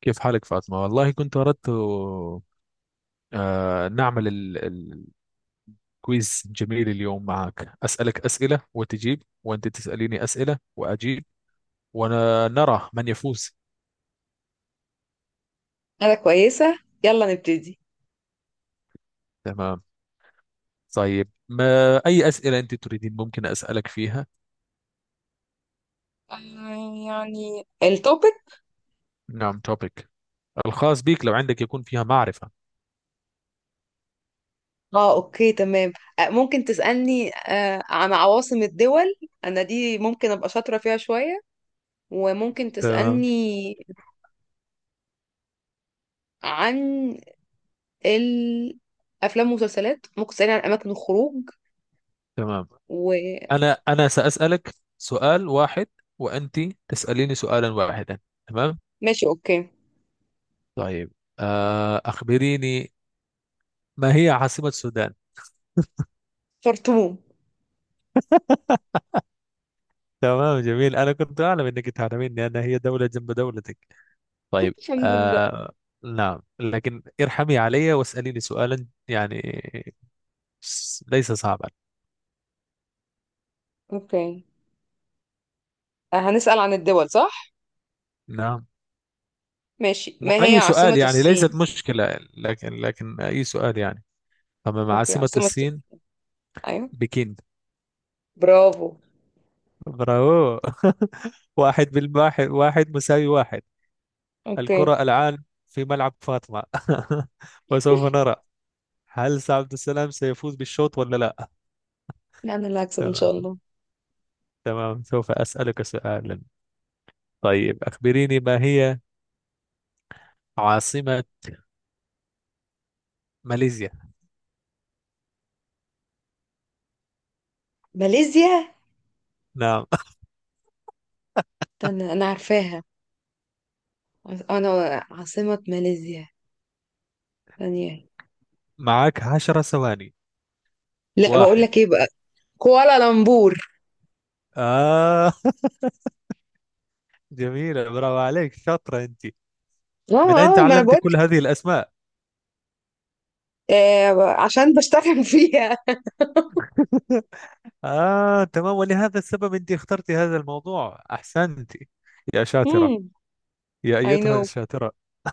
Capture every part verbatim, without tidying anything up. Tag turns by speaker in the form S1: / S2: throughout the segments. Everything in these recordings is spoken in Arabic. S1: كيف حالك فاطمة؟ والله كنت أردت آه، نعمل ال- ال- الكويز. جميل اليوم معك، أسألك أسئلة وتجيب، وأنت تسأليني أسئلة وأجيب، ونرى من يفوز.
S2: انا كويسة، يلا نبتدي.
S1: تمام. طيب، ما أي أسئلة أنت تريدين ممكن أسألك فيها؟
S2: آه، يعني التوبيك.
S1: نعم، توبيك الخاص بك لو عندك يكون فيها معرفة.
S2: اه اوكي تمام. آه، ممكن تسألني آه، عن عواصم الدول. انا دي ممكن ابقى شاطرة فيها شوية، وممكن
S1: تمام.
S2: تسألني عن الافلام والمسلسلات. ممكن تسألني عن اماكن الخروج
S1: تمام،
S2: وماشي.
S1: أنا أنا سأسألك سؤال واحد، وأنت تسأليني سؤالا واحدا. تمام؟
S2: اوكي.
S1: طيب، آه، أخبريني، ما هي عاصمة السودان؟
S2: شطوم.
S1: تمام، جميل. أنا كنت أعلم إنك تعلميني، أنا هي دولة جنب دولتك. طيب.
S2: الحمد لله.
S1: آه، نعم، لكن ارحمي علي واسأليني سؤالا يعني س- ليس صعبا.
S2: اوكي، آه، هنسأل عن الدول صح؟
S1: نعم.
S2: ماشي،
S1: م-
S2: ما هي
S1: أي سؤال
S2: عاصمة
S1: يعني،
S2: الصين؟
S1: ليست مشكلة، لكن لكن أي سؤال يعني. تمام،
S2: اوكي
S1: عاصمة
S2: عاصمة،
S1: الصين.
S2: ايوه.
S1: بكين.
S2: برافو.
S1: برافو. واحد بالواحد، واحد مساوي واحد.
S2: اوكي.
S1: الكرة الآن في ملعب فاطمة. وسوف نرى، هل عبد السلام سيفوز بالشوط ولا لا.
S2: لا، انا اللي هكسب ان شاء
S1: تمام.
S2: الله.
S1: تمام، سوف أسألك سؤالا. طيب، أخبريني، ما هي عاصمة ماليزيا؟
S2: ماليزيا،
S1: نعم.
S2: استنى انا عارفاها. عاص- انا عاصمة ماليزيا، ثانية.
S1: معك عشرة ثواني.
S2: لا بقول
S1: واحد.
S2: لك ايه بقى. كوالالمبور.
S1: آه. جميلة، برافو عليك، شاطرة أنت.
S2: اه.
S1: من أين
S2: اه ما انا
S1: تعلمت
S2: بقول
S1: كل
S2: لك،
S1: هذه الأسماء؟
S2: آه، عشان بشتغل فيها.
S1: آه، تمام، ولهذا السبب أنت اخترت هذا الموضوع. أحسنت يا شاطرة،
S2: امم
S1: يا
S2: اي نو.
S1: أيتها الشاطرة.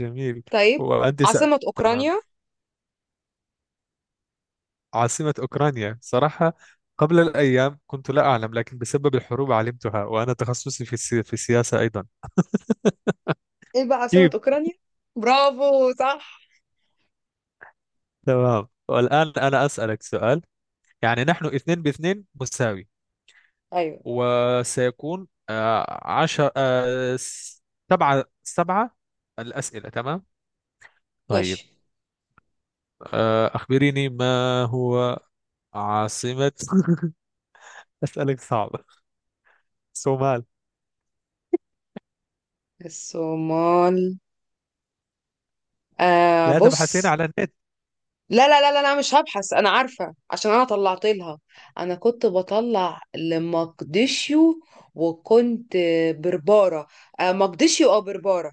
S1: جميل.
S2: طيب
S1: وأنت سأ...
S2: عاصمة
S1: تمام،
S2: اوكرانيا.
S1: عاصمة أوكرانيا. صراحة قبل الأيام كنت لا أعلم، لكن بسبب الحروب علمتها، وأنا تخصصي في السي... في السياسة أيضا.
S2: ايه بقى عاصمة
S1: كيف.
S2: اوكرانيا. برافو، صح.
S1: تمام، والآن أنا أسألك سؤال. يعني نحن اثنين باثنين مساوي،
S2: ايوه،
S1: وسيكون آه عشر آه س- سبعة سبعة الأسئلة. تمام. طيب،
S2: ماشي.
S1: آه أخبريني، ما هو عاصمة أسألك صعب، صومال.
S2: الصومال، آه
S1: لا تبحثين
S2: بص.
S1: على النت.
S2: لا لا لا لا، انا مش هبحث، انا عارفه عشان انا طلعت لها. انا كنت بطلع لمقدشيو، وكنت برباره. آه، مقدشيو او برباره.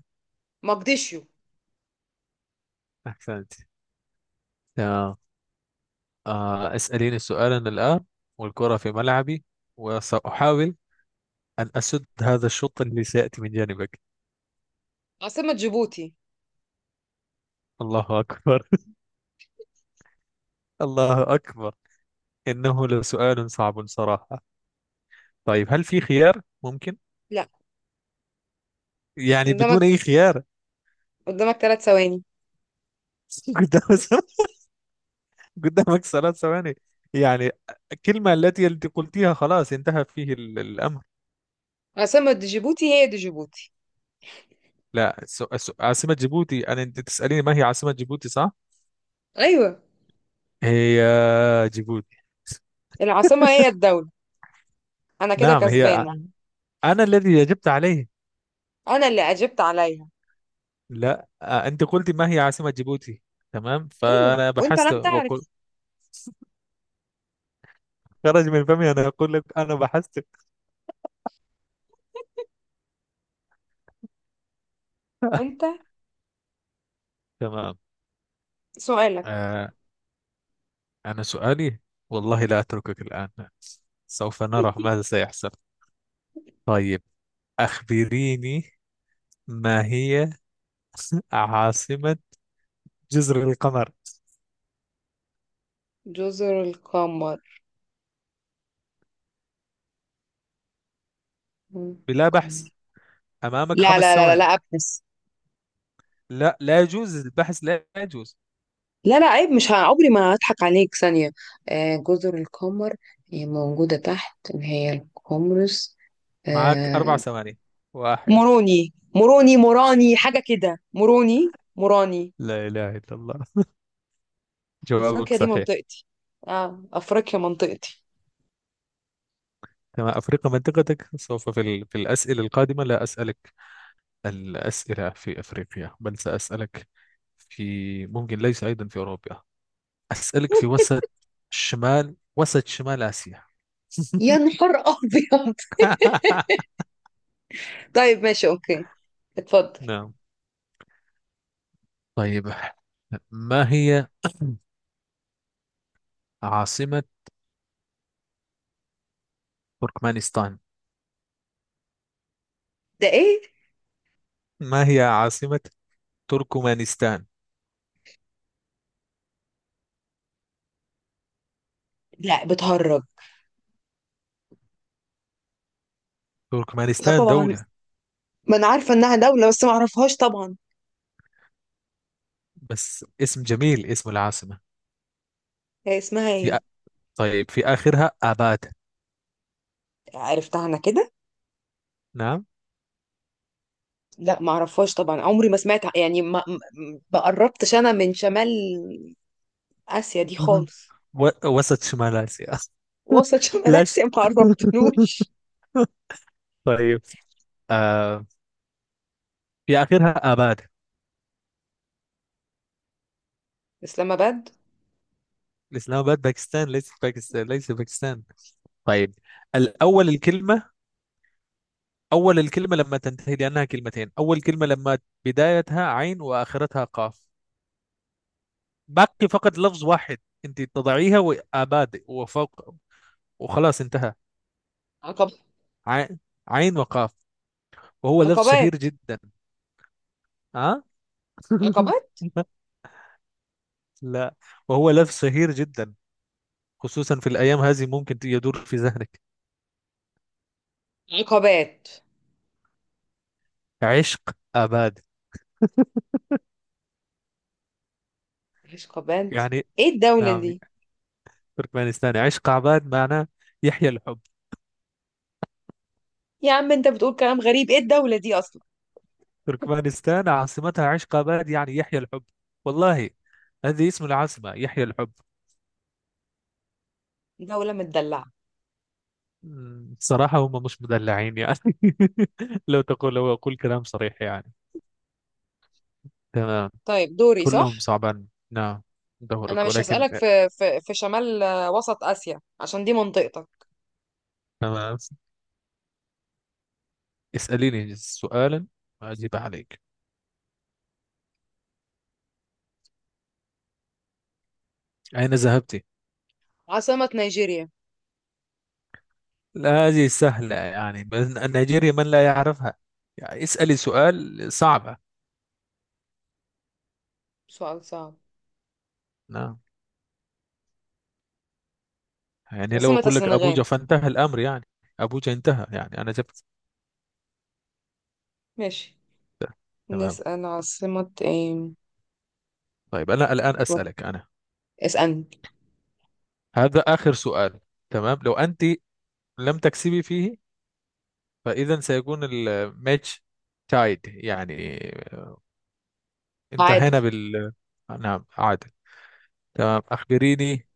S2: مقدشيو.
S1: أحسنت. تمام. آه، اسأليني سؤالا الآن، والكرة في ملعبي، وسأحاول أن أسد هذا الشوط اللي سيأتي من جانبك.
S2: عاصمه جيبوتي.
S1: الله أكبر. الله أكبر، إنه لسؤال صعب صراحة. طيب، هل في خيار ممكن؟
S2: لا،
S1: يعني
S2: قدامك،
S1: بدون أي خيار.
S2: قدامك ثلاث ثواني.
S1: قدام، قدامك ثلاث ثواني. يعني الكلمة التي انت قلتيها خلاص انتهى فيه ال- الأمر.
S2: عاصمه جيبوتي هي دي، جيبوتي.
S1: لا، سو- سو- عاصمة جيبوتي، أنا أنت تسأليني ما هي عاصمة جيبوتي صح؟
S2: ايوه،
S1: هي جيبوتي.
S2: العاصمه هي الدوله، انا كده
S1: نعم، هي
S2: كسبانه.
S1: أنا الذي أجبت عليه.
S2: انا اللي اجبت عليها.
S1: لا، آه، انت قلت ما هي عاصمة جيبوتي، تمام،
S2: ايوه
S1: فانا
S2: وانت
S1: بحثت
S2: لم
S1: وقل
S2: تعرف.
S1: خرج من فمي، انا اقول لك انا بحثت.
S2: انت،
S1: تمام.
S2: سؤالك.
S1: آه، انا سؤالي، والله لا اتركك الان، سوف نرى ماذا سيحصل. طيب، اخبريني، ما هي عاصمة جزر القمر؟
S2: جزر القمر.
S1: بلا بحث، امامك
S2: لا
S1: خمس
S2: لا لا لا لا،
S1: ثواني
S2: ابحث.
S1: لا، لا يجوز البحث، لا يجوز.
S2: لا لا عيب، مش ه- عمري ما هضحك عليك ثانية. آه جزر القمر، هي موجودة تحت اللي هي القمرس.
S1: معك اربع
S2: آه،
S1: ثواني واحد.
S2: مروني مروني موراني، حاجة كده، مروني موراني.
S1: لا اله الا الله، جوابك
S2: أفريقيا دي
S1: صحيح.
S2: منطقتي. اه أفريقيا منطقتي.
S1: كما أفريقيا منطقتك، سوف في, ال... في الأسئلة القادمة لا أسألك الأسئلة في أفريقيا، بل سأسألك في، ممكن ليس، أيضا في أوروبا. أسألك في وسط شمال، وسط شمال آسيا.
S2: يا نهار أبيض. طيب ماشي أوكي، اتفضل.
S1: نعم. طيب، ما هي عاصمة تركمانستان؟
S2: ده إيه؟
S1: ما هي عاصمة تركمانستان؟
S2: لا بتهرج. لا
S1: تركمانستان
S2: طبعا،
S1: دولة،
S2: ما أنا عارفة إنها دولة بس ما أعرفهاش طبعا.
S1: بس اسم جميل اسم العاصمة.
S2: هي اسمها
S1: في أ...
S2: إيه؟
S1: طيب، في آخرها آباد.
S2: عرفتها أنا كده.
S1: نعم.
S2: لا ما اعرفهاش طبعا، عمري ما سمعت يعني، ما ما قربتش انا من شمال اسيا دي
S1: مهم.
S2: خالص.
S1: و... وسط شمال آسيا.
S2: وسط شمال
S1: لاش.
S2: اسيا ما قربتلوش.
S1: طيب، آه، في آخرها آباد.
S2: اسلام اباد.
S1: الإسلام آباد باكستان، ليس باكستان، ليس باكستان. طيب، الأول الكلمة، أول الكلمة لما تنتهي، لأنها كلمتين، أول كلمة لما بدايتها عين وآخرتها قاف، باقي فقط لفظ واحد، أنت تضعيها وآباد وفوق وخلاص انتهى.
S2: عقب.
S1: عين، عين وقاف، وهو لفظ شهير
S2: عقبات.
S1: جدا. ها.
S2: عقبات.
S1: لا، وهو لف شهير جدا، خصوصا في الأيام هذه، ممكن يدور في ذهنك،
S2: عقبات،
S1: عشق عباد
S2: مش عقبات.
S1: يعني.
S2: ايه الدولة
S1: نعم،
S2: دي؟
S1: تركمانستان عشق عباد، معناه يحيى الحب.
S2: يا عم انت بتقول كلام غريب، ايه الدولة دي اصلا؟
S1: تركمانستان عاصمتها عشق عباد، يعني يحيى الحب، والله. هذه اسم العاصمة، يحيى الحب.
S2: دولة متدلعة.
S1: مم، صراحة هم مش مدلعين يعني. لو تقول، لو أقول كلام صريح يعني. تمام.
S2: طيب دوري صح،
S1: كلهم صعبان، نعم.
S2: انا
S1: دورك
S2: مش
S1: ولكن.
S2: هسألك في في في شمال، آه، وسط اسيا عشان دي منطقتك.
S1: تمام، اسأليني سؤالا أجيب عليك. أين ذهبت؟
S2: عاصمة نيجيريا.
S1: لا، هذه سهلة يعني، بس نيجيريا من لا يعرفها، يعني اسألي سؤال صعبة.
S2: سؤال صعب.
S1: نعم، يعني لو
S2: عاصمة
S1: أقول لك
S2: السنغال.
S1: أبوجا فانتهى الأمر يعني. أبوجا انتهى يعني، أنا جبت.
S2: ماشي،
S1: تمام.
S2: نسأل عاصمة ايه.
S1: طيب، أنا الآن
S2: بالظبط.
S1: أسألك أنا.
S2: اسألني.
S1: هذا آخر سؤال. تمام، لو أنت لم تكسبي فيه، فإذا سيكون الماتش تايد يعني،
S2: تعادل.
S1: انتهينا بال نعم، عادل. تمام، أخبريني.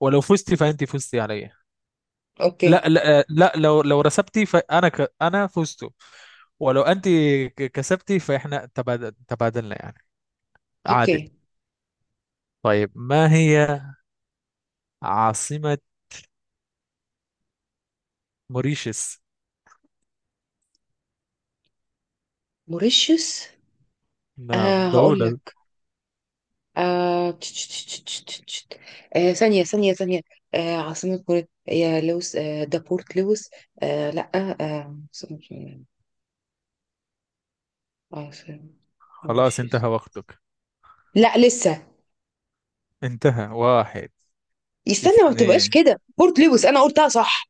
S1: ولو فزت فأنت فزت علي.
S2: اوكي.
S1: لا لا لا، لو لو رسبتي فانا ك... انا فزت، ولو انت ك- كسبتي فاحنا تبادل، تبادلنا يعني،
S2: اوكي.
S1: عادل. طيب، ما هي عاصمة موريشيس؟
S2: موريشيوس.
S1: نعم،
S2: آه هقول
S1: دولة.
S2: لك. آه... تش- تش- تش- تش- تش- تش. آه، ثانية ثانية ثانية. آه عاصمة موريت هي لوس، آه دابورت لوس. آه لا آه عاصمة، عاصمة
S1: خلاص
S2: موريشيوس.
S1: انتهى وقتك.
S2: لا لسه،
S1: انتهى. واحد.
S2: استنى، ما بتبقاش
S1: اثنين.
S2: كده، بورت لوس، انا قلتها صح.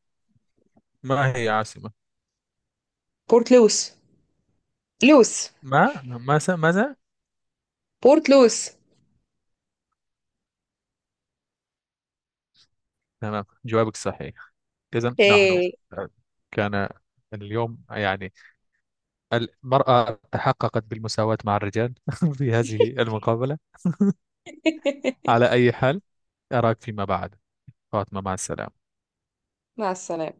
S1: ما هي عاصمة؟
S2: بورت لوس، لوس،
S1: ما ماذا ماذا.
S2: بورت لوس.
S1: تمام، جوابك صحيح. إذا نحن،
S2: ايه.
S1: كان اليوم يعني المرأة تحققت بالمساواة مع الرجال. في هذه المقابلة. على أي حال، أراك فيما بعد فاطمة، مع السلامة.
S2: مع السلامة.